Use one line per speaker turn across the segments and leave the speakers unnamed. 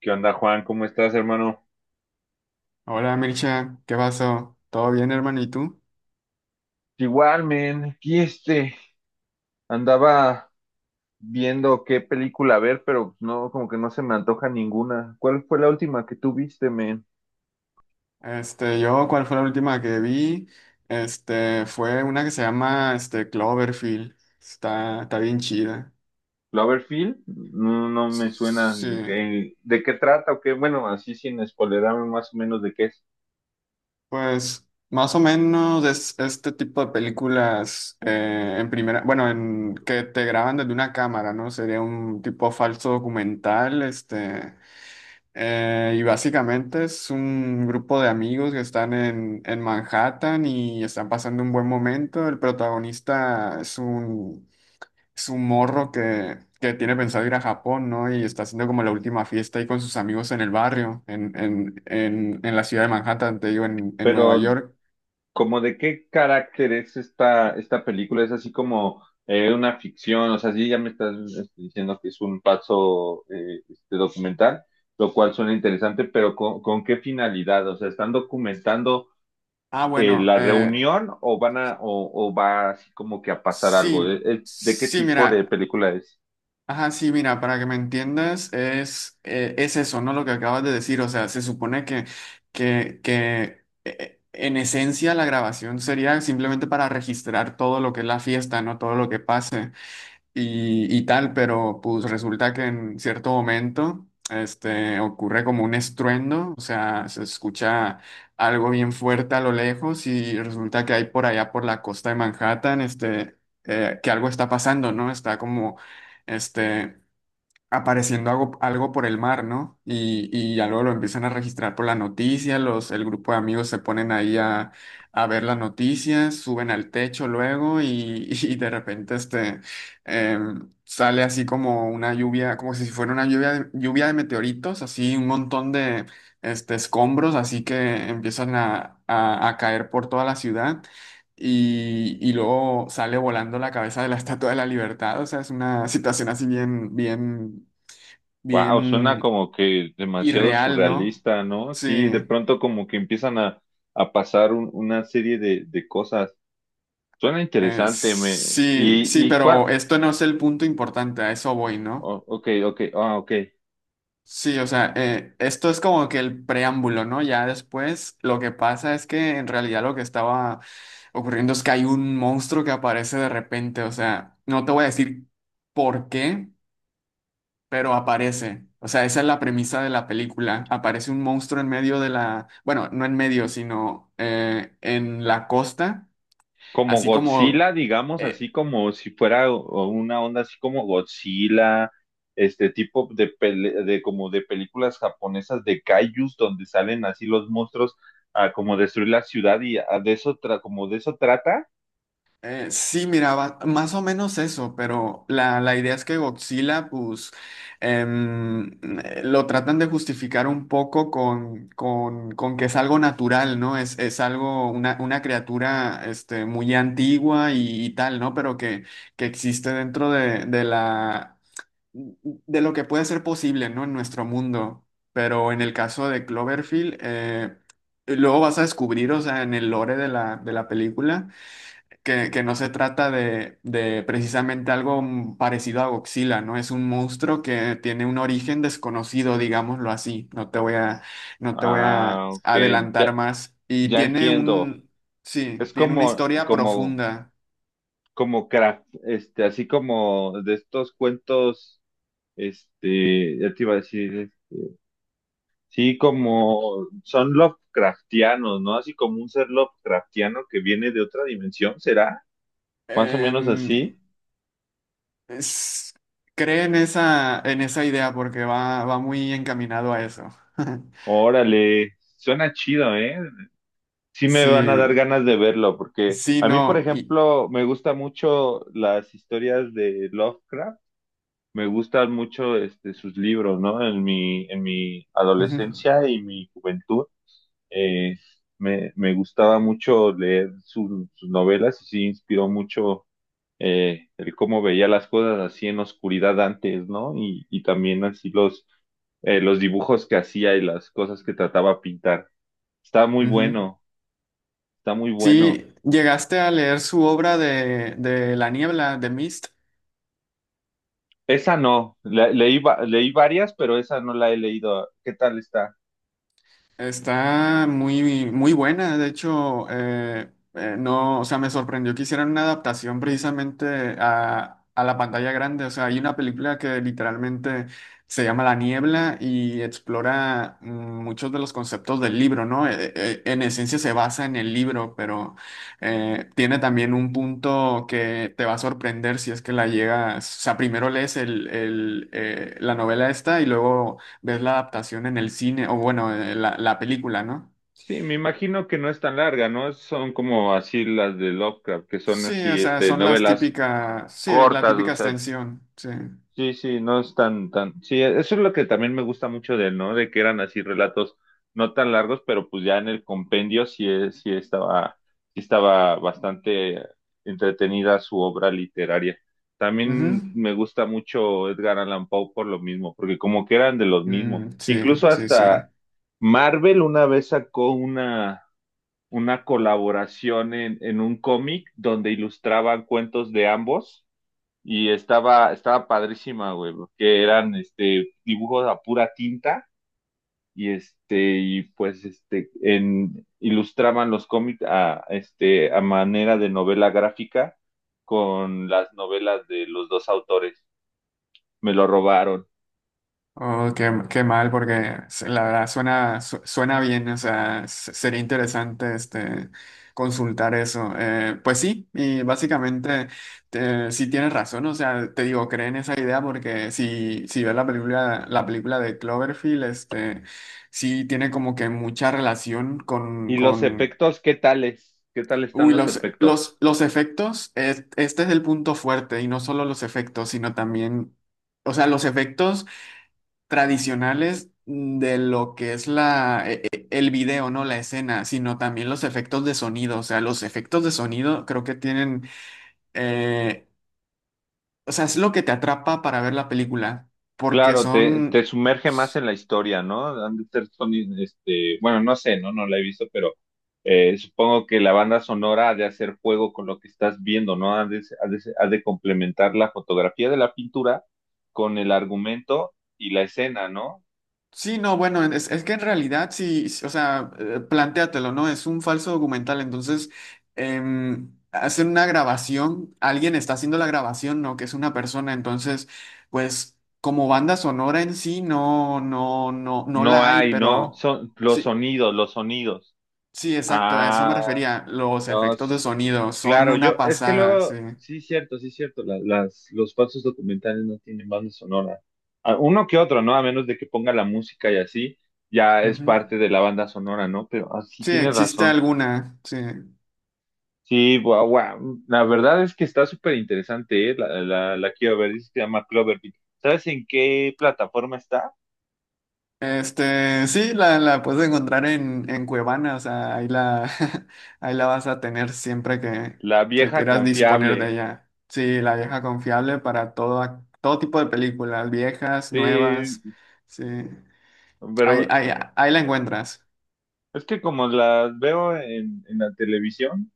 ¿Qué onda, Juan? ¿Cómo estás, hermano?
Hola Mircha, ¿qué pasó? ¿Todo bien, hermano? ¿Y tú?
Igual, men, aquí andaba viendo qué película ver, pero no, como que no se me antoja ninguna. ¿Cuál fue la última que tú viste, men?
Yo, ¿cuál fue la última que vi? Fue una que se llama, Cloverfield. Está bien chida.
¿Cloverfield? No, no me suena.
Sí,
¿De qué trata o qué? Bueno, así sin spoilerarme más o menos de qué es.
pues, más o menos es este tipo de películas en primera, bueno, en que te graban desde una cámara, ¿no? Sería un tipo falso documental, Y básicamente es un grupo de amigos que están en Manhattan y están pasando un buen momento. El protagonista es es un morro que tiene pensado ir a Japón, ¿no? Y está haciendo como la última fiesta ahí con sus amigos en el barrio, en la ciudad de Manhattan, te digo, en Nueva
Pero
York.
como de qué carácter es esta película, es así como una ficción, o sea, sí ya me estás diciendo que es un paso documental, lo cual suena interesante, pero ¿con qué finalidad? O sea, ¿están documentando
Ah, bueno,
la reunión o van a, o va así como que a pasar
sí,
algo? ¿De qué
sí,
tipo de
mira.
película es?
Ajá, sí, mira, para que me entiendas, es eso, ¿no? Lo que acabas de decir, o sea, se supone que en esencia la grabación sería simplemente para registrar todo lo que es la fiesta, ¿no? Todo lo que pase y tal, pero pues resulta que en cierto momento ocurre como un estruendo, o sea, se escucha algo bien fuerte a lo lejos y resulta que hay por allá por la costa de Manhattan, que algo está pasando, ¿no? Está como, este, apareciendo algo, algo por el mar, ¿no? Y ya luego lo empiezan a registrar por la noticia, el grupo de amigos se ponen ahí a ver las noticias, suben al techo luego y, y de repente sale así como una lluvia, como si fuera una lluvia lluvia de meteoritos, así un montón de escombros, así que empiezan a caer por toda la ciudad. Y luego sale volando la cabeza de la Estatua de la Libertad. O sea, es una situación así bien, bien
Wow, suena
bien
como que demasiado
irreal, ¿no?
surrealista, ¿no? Sí, de
Sí,
pronto como que empiezan a pasar una serie de cosas. Suena interesante, me...
sí, sí,
¿Y cuál?
pero esto no es el punto importante, a eso voy, ¿no?
Oh, ok, ok, ah, ok.
Sí, o sea, esto es como que el preámbulo, ¿no? Ya después lo que pasa es que en realidad lo que estaba ocurriendo es que hay un monstruo que aparece de repente, o sea, no te voy a decir por qué, pero aparece. O sea, esa es la premisa de la película. Aparece un monstruo en medio de la, bueno, no en medio, sino en la costa.
Como
Así como,
Godzilla, digamos, así
eh,
como si fuera o una onda así como Godzilla, este tipo de, de como de películas japonesas de kaijus donde salen así los monstruos a como destruir la ciudad y como de eso trata.
sí, miraba más o menos eso, pero la idea es que Godzilla, pues, em, lo tratan de justificar un poco con que es algo natural, ¿no? Es algo, una criatura, muy antigua y tal, ¿no? Pero que existe dentro de la... de lo que puede ser posible, ¿no? En nuestro mundo. Pero en el caso de Cloverfield, luego vas a descubrir, o sea, en el lore de la película, que no se trata de precisamente algo parecido a Godzilla, ¿no? Es un monstruo que tiene un origen desconocido, digámoslo así. No te voy a
Ah, ok, ya,
adelantar más. Y
ya
tiene
entiendo.
un, sí,
Es
tiene una historia profunda.
como craft, así como de estos cuentos. Ya te iba a decir, sí, como son Lovecraftianos, ¿no? Así como un ser Lovecraftiano que viene de otra dimensión, ¿será? Más o menos
Em,
así.
Es- cree en esa idea porque va, va muy encaminado a eso.
Órale, suena chido, ¿eh? Sí me van a
Sí,
dar ganas de verlo, porque
sí,
a mí, por
no. Y,
ejemplo, me gustan mucho las historias de Lovecraft, me gustan mucho sus libros, ¿no? En mi
ujú,
adolescencia y mi juventud. eh, me gustaba mucho leer sus novelas y sí inspiró mucho el cómo veía las cosas así en oscuridad antes, ¿no? Y también así los dibujos que hacía y las cosas que trataba de pintar. Está muy
ujú.
bueno, está muy bueno.
Sí, ¿llegaste a leer su obra de La niebla, de Mist?
Esa no, leí, leí varias, pero esa no la he leído. ¿Qué tal está?
Está muy, muy buena, de hecho, no, o sea, me sorprendió que hicieran una adaptación precisamente a la pantalla grande, o sea, hay una película que literalmente se llama La Niebla y explora muchos de los conceptos del libro, ¿no? En esencia se basa en el libro, pero tiene también un punto que te va a sorprender si es que la llegas, o sea, primero lees la novela esta y luego ves la adaptación en el cine, o bueno, la, la película, ¿no?
Sí, me imagino que no es tan larga, ¿no? Son como así las de Lovecraft, que son
Sí, o
así,
sea, son las
novelas
típicas, sí, la
cortas, o
típica
sea,
extensión, sí.
sí, no es tan, tan. Sí, eso es lo que también me gusta mucho de él, ¿no? De que eran así relatos no tan largos, pero pues ya en el compendio sí, sí estaba bastante entretenida su obra literaria. También
Ujú.
me gusta mucho Edgar Allan Poe por lo mismo, porque como que eran de los mismos.
Sí,
Incluso
sí, sí.
hasta Marvel una vez una colaboración en un cómic donde ilustraban cuentos de ambos y estaba padrísima, güey, porque eran dibujos a pura tinta y ilustraban los cómics a a manera de novela gráfica con las novelas de los dos autores. Me lo robaron.
Oh, qué, qué mal, porque s- la verdad suena, su- suena bien, o sea, s- sería interesante consultar eso. Pues sí, y básicamente sí tienes razón, o sea, te digo, creen esa idea porque si, si ves la película de Cloverfield, sí tiene como que mucha relación
¿Y los
con...
efectos, qué tales? ¿Qué tal están
Uy,
los efectos?
los efectos, es- este es el punto fuerte, y no solo los efectos, sino también, o sea, los efectos tradicionales de lo que es la, e- e- el video, ¿no? La escena, sino también los efectos de sonido. O sea, los efectos de sonido creo que tienen, eh, o sea, es lo que te atrapa para ver la película, porque
Claro,
son...
te sumerge más en la historia, ¿no? Han de ser bueno, no sé, ¿no? No la he visto, pero supongo que la banda sonora ha de hacer juego con lo que estás viendo, ¿no? Ha de complementar la fotografía de la pintura con el argumento y la escena, ¿no?
Sí, no, bueno, es que en realidad sí, sí, o sea, plantéatelo, ¿no? Es un falso documental, entonces hacen una grabación, alguien está haciendo la grabación, ¿no? Que es una persona, entonces, pues como banda sonora en sí, no
No
la hay,
hay, ¿no?
pero
Son los
sí,
sonidos, los sonidos.
sí, exacto, a eso
Ah,
me refería, los
No,
efectos de
s-
sonido son
claro, yo,
una
es que
pasada, sí.
luego, sí, cierto, los falsos documentales no tienen banda sonora. Ah, uno que otro, ¿no? A menos de que ponga la música y así, ya es
Ujú.
parte de la banda sonora, ¿no? Pero así
Sí,
tiene
existe
razón.
alguna, sí.
Sí, guau, guau. La verdad es que está súper interesante, ¿eh? La quiero ver, dice que se llama Cloverfield. ¿Sabes en qué plataforma está?
Sí, la puedes encontrar en Cuevana, o sea, ahí la, ahí la vas a tener siempre
La
que
vieja
quieras disponer
confiable.
de ella. Sí, la vieja confiable para todo, ac- todo tipo de películas, viejas, nuevas,
Sí,
sí, ahí,
pero
ahí, ahí la encuentras.
es que como las veo en la televisión,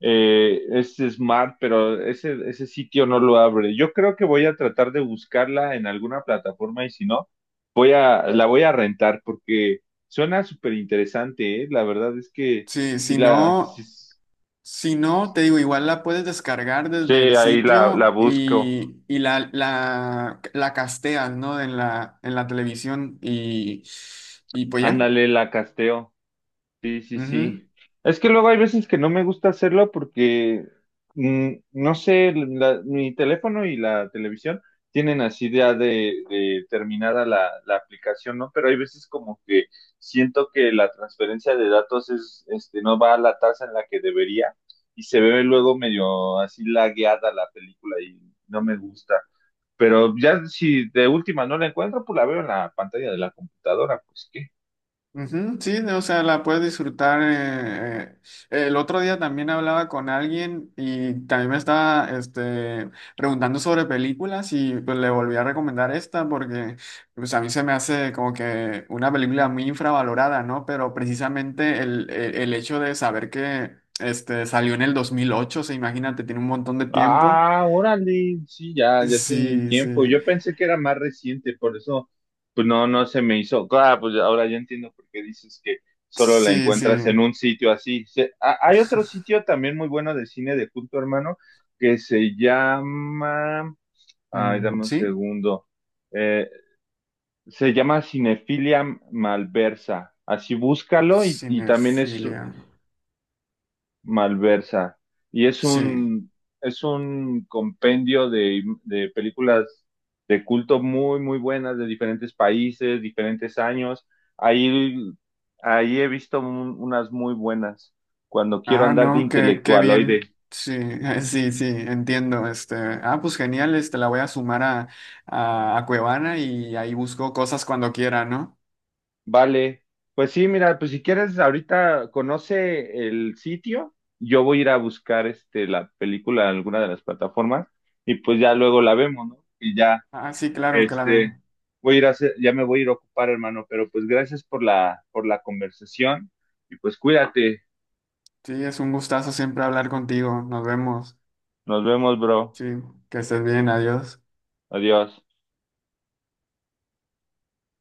es Smart, pero ese sitio no lo abre. Yo creo que voy a tratar de buscarla en alguna plataforma y si no, la voy a rentar porque suena súper interesante, ¿eh? La verdad es que
Sí,
sí
si
la, sí,
no, si no, te digo, igual la puedes descargar
sí,
desde el
la
sitio
busco.
y la, la casteas, ¿no? En la televisión y pues ya.
Ándale, la casteo. Sí, sí, sí.
Ujú.
Es que luego hay veces que no me gusta hacerlo porque, mm, no sé, mi teléfono y la televisión tienen así ya de terminada la aplicación, ¿no? Pero hay veces como que siento que la transferencia de datos es, no va a la tasa en la que debería y se ve luego medio así lagueada la película y no me gusta. Pero ya si de última no la encuentro, pues la veo en la pantalla de la computadora, pues qué.
Ujú, sí, o sea, la puedes disfrutar. El otro día también hablaba con alguien y también me estaba preguntando sobre películas y pues le volví a recomendar esta porque pues a mí se me hace como que una película muy infravalorada, ¿no? Pero precisamente el hecho de saber que salió en el 2008, o sea, imagínate, tiene un montón de tiempo.
Ah, órale, sí, ya, ya tienen
Sí,
tiempo.
sí,
Yo pensé que era más reciente, por eso, pues no, no se me hizo. Claro, pues ahora ya entiendo por qué dices que solo la
sí, sí.
encuentras en un sitio así. Hay otro sitio también muy bueno de cine de culto, hermano, que se llama, ay, dame un
Sí,
segundo. Eh, Se llama Cinefilia Malversa. Así búscalo y también es,
cinefilia.
Malversa. Y es
Sí.
un, es un compendio de películas de culto muy, muy buenas de diferentes países, diferentes años. Ahí, ahí he visto unas muy buenas cuando quiero
Ah,
andar de
no, qué, qué
intelectualoide.
bien. Sí, sí, sí, entiendo. Ah, pues genial, la voy a sumar a Cuevana y ahí busco cosas cuando quiera, ¿no?
Vale, pues sí, mira, pues si quieres ahorita conoce el sitio, yo voy a ir a buscar la película en alguna de las plataformas y pues ya luego la vemos, ¿no? Y ya.
Ah, sí, claro,
Este,
claro.
Voy a ir a hacer, ya me voy a ir a ocupar, hermano, pero pues gracias por la conversación y pues cuídate.
Sí, es un gustazo siempre hablar contigo. Nos vemos.
Nos vemos, bro.
Sí, que estés bien, adiós.
Adiós.